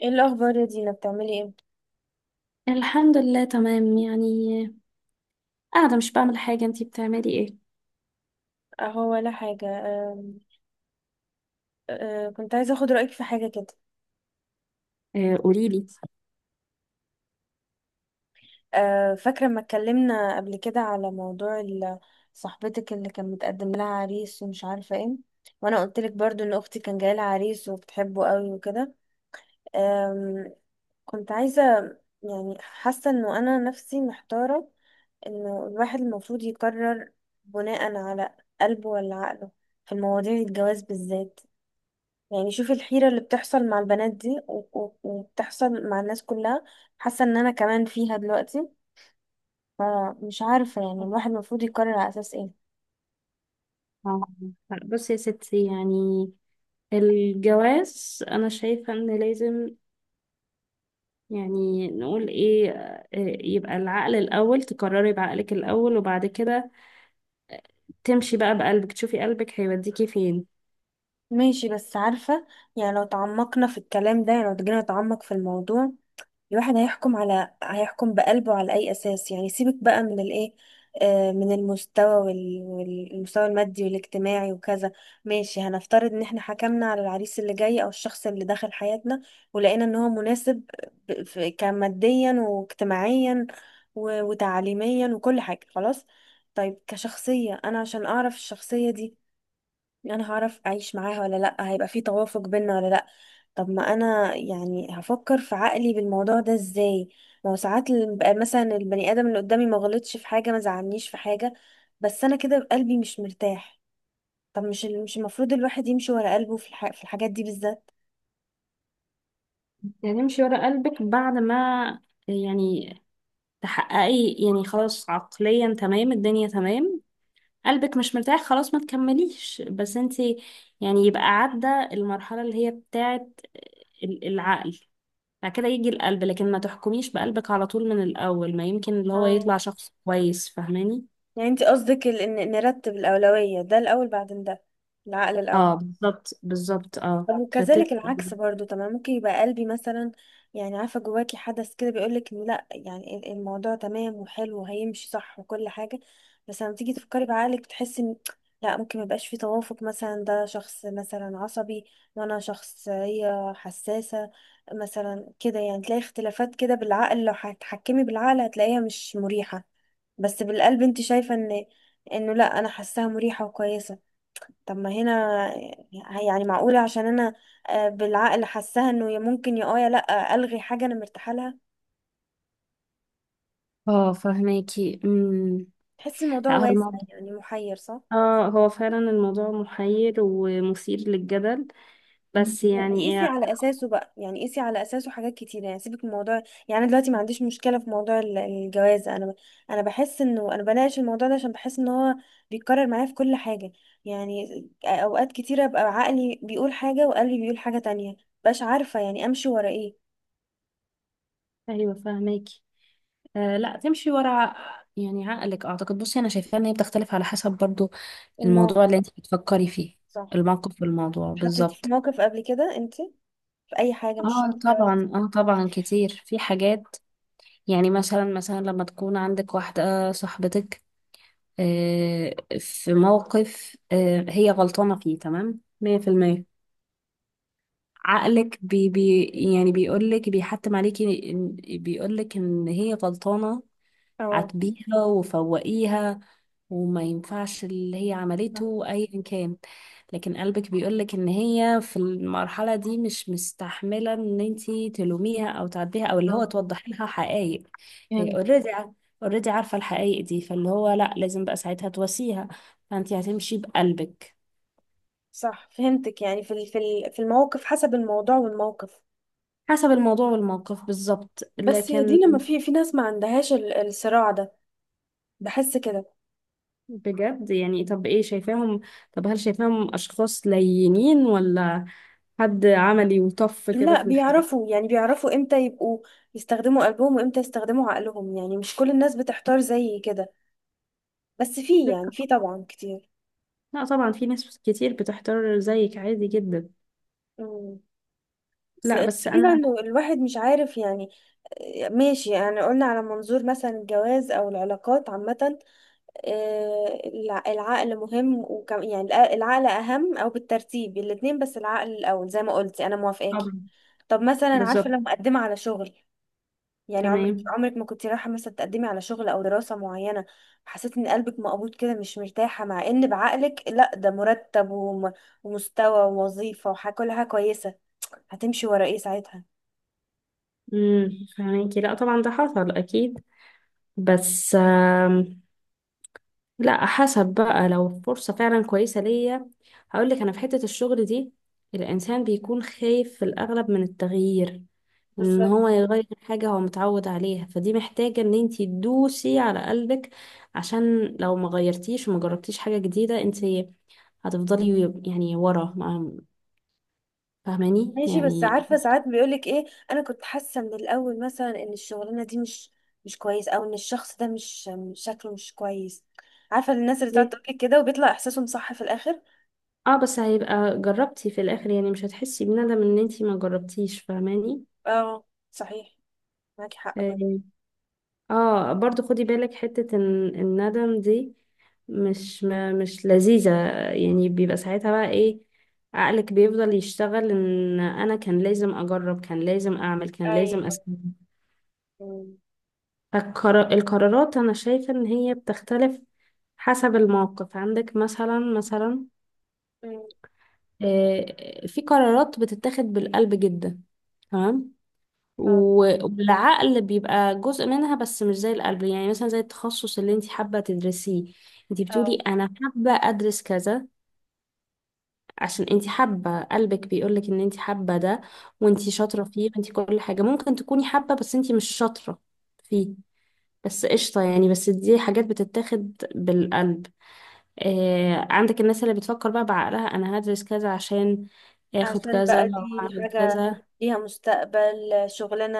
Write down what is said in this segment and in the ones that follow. ايه الاخبار يا دينا؟ بتعملي ايه؟ الحمد لله، تمام يعني، قاعدة مش بعمل حاجة. انتي بتعملي ايه؟ اهو ولا حاجه. أم، كنت عايزه اخد رايك في حاجه كده. آه، قوليلي. فاكره لما اتكلمنا قبل كده على موضوع صاحبتك اللي كان متقدم لها عريس ومش عارفه ايه، وانا قلت لك برضو ان اختي كان جاي لها عريس وبتحبه قوي وكده. أم، كنت عايزه، يعني حاسه انه انا نفسي محتاره، انه الواحد المفروض يقرر بناء على قلبه ولا عقله في المواضيع الجواز بالذات. يعني شوف الحيرة اللي بتحصل مع البنات دي و- و- وبتحصل مع الناس كلها، حاسة ان انا كمان فيها دلوقتي. فمش عارفة يعني الواحد المفروض يقرر على اساس ايه؟ آه، بصي يا ستي، يعني الجواز أنا شايفة إن لازم، يعني نقول إيه، يبقى العقل الأول، تقرري بعقلك الأول، وبعد كده تمشي بقى بقلبك، تشوفي قلبك هيوديكي فين. ماشي، بس عارفة، يعني لو تعمقنا في الكلام ده، يعني لو جينا نتعمق في الموضوع، الواحد هيحكم بقلبه على أي أساس؟ يعني سيبك بقى من الإيه، من المستوى والمستوى المادي والاجتماعي وكذا. ماشي، هنفترض إن احنا حكمنا على العريس اللي جاي أو الشخص اللي دخل حياتنا ولقينا إن هو مناسب كماديا واجتماعيا و- وتعليميا وكل حاجة، خلاص. طيب كشخصية، أنا عشان أعرف الشخصية دي انا هعرف اعيش معاها ولا لا، هيبقى في توافق بينا ولا لا؟ طب ما انا يعني هفكر في عقلي بالموضوع ده ازاي؟ ما هو ساعات بقى مثلا البني ادم اللي قدامي ما غلطش في حاجه، ما زعلنيش في حاجه، بس انا كده قلبي مش مرتاح. طب مش مش المفروض الواحد يمشي ورا قلبه في في الحاجات دي بالذات؟ يعني امشي ورا قلبك بعد ما، يعني تحققي يعني خلاص عقليا تمام، الدنيا تمام، قلبك مش مرتاح، خلاص ما تكمليش. بس انت يعني يبقى عدى المرحلة اللي هي بتاعت العقل، بعد كده يجي القلب، لكن ما تحكميش بقلبك على طول من الأول، ما يمكن اللي هو يطلع اه، شخص كويس. فاهماني؟ يعني انت قصدك إن نرتب الاولويه، ده الاول بعدين ده، العقل الاول. اه، بالظبط بالظبط، اه طب وكذلك ترتبي. العكس برضو، تمام، ممكن يبقى قلبي مثلا، يعني عارفه جواكي حدث كده بيقولك إن لا، يعني الموضوع تمام وحلو وهيمشي صح وكل حاجه، بس لما تيجي تفكري بعقلك بتحسي ان لا، ممكن ميبقاش في توافق، مثلا ده شخص مثلا عصبي وانا شخصيه حساسه، مثلا كده، يعني تلاقي اختلافات كده بالعقل، لو هتحكمي بالعقل هتلاقيها مش مريحه، بس بالقلب انت شايفه انه لا، انا حاساها مريحه وكويسه. طب ما هنا، يعني معقولة عشان انا، بالعقل حاساها انه يا ممكن يا يا لا، الغي حاجة انا مرتاحة لها؟ اه، فاهماكي. تحس الموضوع لا، هو واسع، الموضوع، يعني محير، صح؟ اه هو فعلا الموضوع محير ومثير للجدل، بس و- وقيسي يعني. على اساسه بقى، يعني قيسي على اساسه حاجات كتيرة، يعني سيبك من موضوع، يعني أنا دلوقتي ما عنديش مشكلة في موضوع الجواز، انا بحس انه انا بناقش الموضوع ده عشان بحس ان هو بيتكرر معايا في كل حاجة. يعني اوقات كتيرة بقى عقلي بيقول حاجة وقلبي بيقول حاجة تانية، مبقاش عارفة يعني امشي ورا ايه. ايوه فاهماكي. آه، لا تمشي ورا يعني عقلك. اعتقد بصي، انا شايفه ان هي بتختلف على حسب برضو الموقف. الموضوع اللي انت بتفكري فيه، صح. الموقف والموضوع اتحطيتي في بالظبط. موقف قبل كده انت؟ في اي حاجه، مش اه شرط. طبعا، اه طبعا كتير في حاجات. يعني مثلا مثلا لما تكون عندك واحده صاحبتك، آه في موقف، آه هي غلطانه فيه تمام 100%. عقلك بي بي يعني بيقولك، بيحتم عليكي بيقولك ان هي غلطانه، اه. عاتبيها وفوقيها، وما ينفعش اللي هي عملته ايا كان. لكن قلبك بيقولك ان هي في المرحلة دي مش مستحملة ان انتي تلوميها او تعديها، او اللي هو آه، توضحي لها حقائق. هي فهمت. اوريدي اوريدي عارفة الحقائق دي، فاللي هو لا، لازم بقى ساعتها تواسيها، فانتي هتمشي بقلبك. صح، فهمتك، يعني في الموقف، حسب الموضوع والموقف. حسب الموضوع والموقف بالظبط، بس هي دي، لكن لما في ناس ما عندهاش الصراع ده، بحس كده. بجد؟ يعني طب ايه شايفاهم، طب هل شايفاهم اشخاص لينين، ولا حد عملي وطف كده لا في الحاجة؟ بيعرفوا، يعني بيعرفوا امتى يبقوا يستخدموا قلبهم وامتى يستخدموا عقلهم، يعني مش كل الناس بتحتار زي كده، بس في، يعني في طبعا كتير. لا طبعا، في ناس كتير بتحتار زيك، عادي جدا. امم. بس لا بس انا. تقريبا إنه الواحد مش عارف يعني. آه، ماشي، يعني قلنا على منظور مثلا الجواز او العلاقات عامة. آه، العقل مهم، وكم يعني العقل أهم، أو بالترتيب الاتنين، بس العقل الأول زي ما قلتي، أنا موافقاكي. طبعا. طب مثلا عارفة بالظبط. لو مقدمة على شغل، يعني عمرك تمام. عمرك ما كنت رايحة مثلا تقدمي على شغل أو دراسة معينة، حسيت إن قلبك مقبوض كده مش مرتاحة، مع إن بعقلك لأ، ده مرتب وم- ومستوى ووظيفة وكل حاجة كويسة، هتمشي ورا إيه ساعتها؟ امم. فهميكي، لا طبعا ده حصل اكيد. بس لا، حسب بقى، لو فرصة فعلا كويسة ليا، هقول لك انا في حتة الشغل دي الانسان بيكون خايف في الاغلب من التغيير، ان بالظبط. هو يغير حاجة هو متعود عليها. فدي محتاجة ان انتي تدوسي على قلبك، عشان لو ما غيرتيش وما جربتيش حاجة جديدة، انتي هتفضلي يعني ورا. فاهماني ماشي، بس يعني؟ عارفة ساعات بيقولك ايه، انا كنت حاسة من الاول مثلا ان الشغلانة دي مش كويس، او ان الشخص ده شكله مش كويس. عارفة الناس اللي بتقعد تقولك كده وبيطلع احساسهم صح في الاخر. اه، بس هيبقى جربتي في الاخر، يعني مش هتحسي بندم ان انتي ما جربتيش. فاهماني؟ اه. صحيح. معاكي حق بجد. اه. آه، برضو خدي بالك حتة ان الندم دي مش، ما مش لذيذة. يعني بيبقى ساعتها بقى ايه، عقلك بيفضل يشتغل ان انا كان لازم اجرب، كان لازم اعمل، كان لازم ايوه. اسوي. أمم. فالقرارات انا شايفة ان هي بتختلف حسب الموقف، عندك مثلا مثلا. أمم. آه، في قرارات بتتاخد بالقلب جدا، تمام، اه. والعقل بيبقى جزء منها بس مش زي القلب. يعني مثلا زي التخصص اللي انت حابة تدرسيه، انت بتقولي اه. انا حابة ادرس كذا، عشان انت حابة، قلبك بيقولك ان انت حابة ده، وانت أمم. شاطرة فيه، وانت كل حاجة، ممكن تكوني حابة بس انت مش شاطرة فيه. بس قشطة، يعني بس دي حاجات بتتاخد بالقلب. آه، عندك الناس اللي بتفكر بقى بعقلها، انا هدرس كذا عشان اخد عشان كذا بقى او دي اعمل حاجة كذا. ليها مستقبل، شغلانة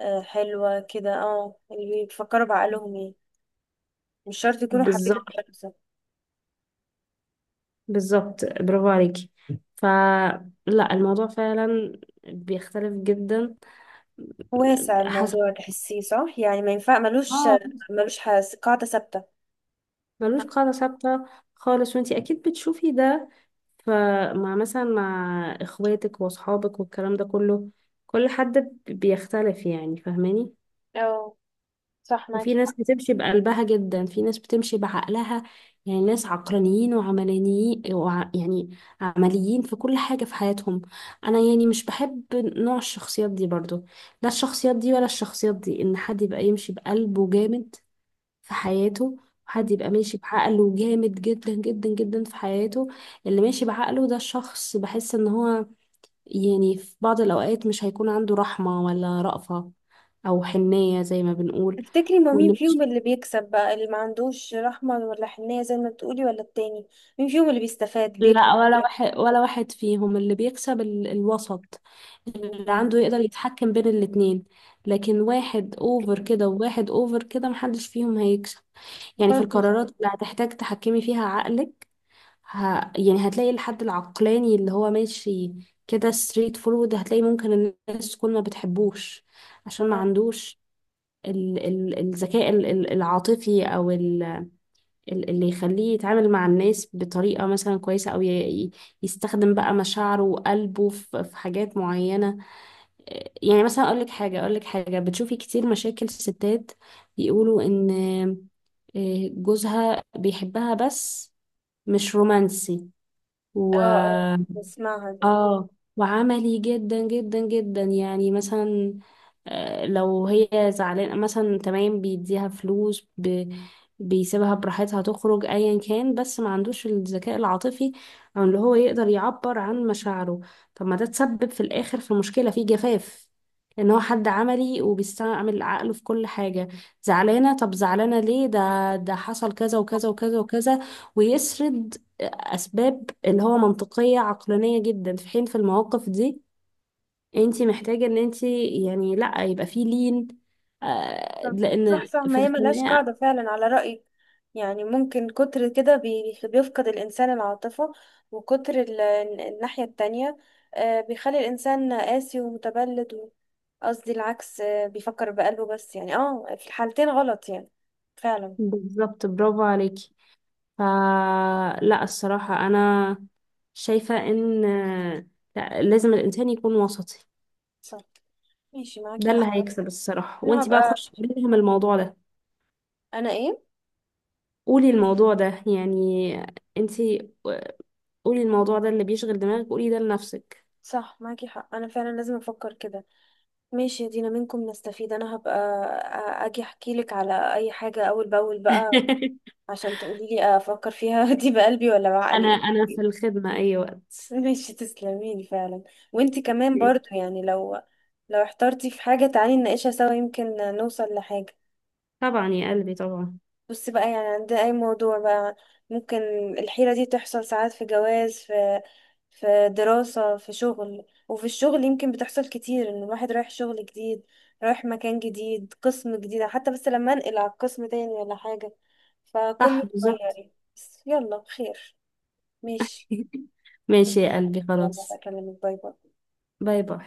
حلوة كده. اه اللي بيفكروا بعقلهم يعني مش شرط يكونوا حابين بالظبط الشخص. بالظبط، برافو عليكي. فلا الموضوع فعلا بيختلف جدا واسع حسب. الموضوع، تحسيه صح، يعني ما ينفع ملوش اه، ملوش حس- قاعدة ثابتة. ملوش قاعدة ثابتة خالص. وانتي اكيد بتشوفي ده، فمع مثلا مع اخواتك واصحابك والكلام ده كله، كل حد بيختلف. يعني فاهماني؟ اه، صح وفي معاكي ناس حق. بتمشي بقلبها جدا، في ناس بتمشي بعقلها. يعني ناس عقلانيين وعملانيين، يعني عمليين في كل حاجة في حياتهم. أنا يعني مش بحب نوع الشخصيات دي برضو، لا الشخصيات دي ولا الشخصيات دي، إن حد يبقى يمشي بقلبه جامد في حياته، وحد مم. يبقى ماشي بعقله جامد جدا جدا جدا في حياته. اللي ماشي بعقله ده، الشخص بحس إن هو يعني في بعض الأوقات مش هيكون عنده رحمة ولا رأفة، أو حنية زي ما بنقول. تفتكري ما مين واللي فيهم اللي بيكسب بقى، اللي ما عندوش رحمة ولا حنية زي ما بتقولي ولا التاني؟ مين فيهم اللي بيستفاد، بيكسب؟ لا، ولا واحد، فيهم اللي بيكسب. الوسط اللي مم. عنده يقدر يتحكم بين الاتنين. لكن واحد اوفر كده وواحد اوفر كده، محدش فيهم هيكسب. يعني في برضه صح. القرارات اللي هتحتاج تحكمي فيها عقلك، ه... يعني هتلاقي الحد العقلاني اللي هو ماشي كده ستريت فورورد، هتلاقي ممكن الناس كل ما بتحبوش عشان ما اه. عندوش الذكاء العاطفي، او اللي يخليه يتعامل مع الناس بطريقة مثلا كويسة، أو ي- يستخدم بقى مشاعره وقلبه في حاجات معينة. إيه، يعني مثلا أقولك حاجة، أقولك حاجة، بتشوفي كتير مشاكل ستات بيقولوا إن، إيه، جوزها بيحبها بس مش رومانسي. اه. آه. بسمعها ده. اه، وعملي جدا جدا جدا، يعني مثلا، آه، لو هي زعلانة مثلا تمام، بيديها فلوس، بيسيبها براحتها تخرج ايا كان، بس ما عندوش الذكاء العاطفي، او اللي هو يقدر يعبر عن مشاعره. طب ما ده تسبب في الاخر في مشكلة، في جفاف، ان هو حد عملي وبيستعمل عقله في كل حاجة. زعلانة؟ طب زعلانة ليه؟ ده حصل كذا وكذا وكذا وكذا، ويسرد اسباب اللي هو منطقيه عقلانيه جدا. في حين في المواقف دي انت محتاجه ان انت يعني لا، يبقى في لين. آه، صح، لان صح، صح، في ما هي ملهاش الخناقه. قاعدة فعلا على رأيك، يعني ممكن كتر كده بي- بيفقد الإنسان العاطفة، وكتر الناحية التانية بيخلي الإنسان قاسي ومتبلد قصدي العكس، بيفكر بقلبه بس، يعني في الحالتين غلط، يعني فعلا. بالظبط، برافو عليكي. فلا الصراحه انا شايفه ان، آه، لا، لازم الانسان يكون وسطي. صح. ماشي معاكي ده اللي حق. هيكسب الصراحه. انا وانت بقى هبقى خشي قولي لهم الموضوع ده، انا ايه قولي الموضوع ده يعني، انت قولي الموضوع ده اللي بيشغل دماغك، قولي ده لنفسك. صح معاكي حق، انا فعلا لازم افكر كده. ماشي يا دينا، منكم نستفيد. انا هبقى اجي احكي لك على اي حاجة اول باول بقى، عشان تقولي لي افكر فيها دي بقلبي ولا انا بعقلي؟ انا في الخدمة اي وقت. ماشي، تسلميلي فعلا. وانتي كمان برضو، يعني لو احترتي في حاجة تعالي نناقشها سوا، يمكن نوصل لحاجة. طبعا يا قلبي طبعا. بصي بقى، يعني عند اي موضوع بقى ممكن الحيرة دي تحصل، ساعات في جواز، في في دراسة، في شغل، وفي الشغل يمكن بتحصل كتير، ان الواحد رايح شغل جديد، رايح مكان جديد، قسم جديد حتى، بس لما انقل على قسم تاني ولا حاجة فكله صح بالظبط. اتغير، بس يلا خير. ماشي. ماشي يا اوكي، قلبي يلا خلاص. بكلمك. باي باي. باي باي.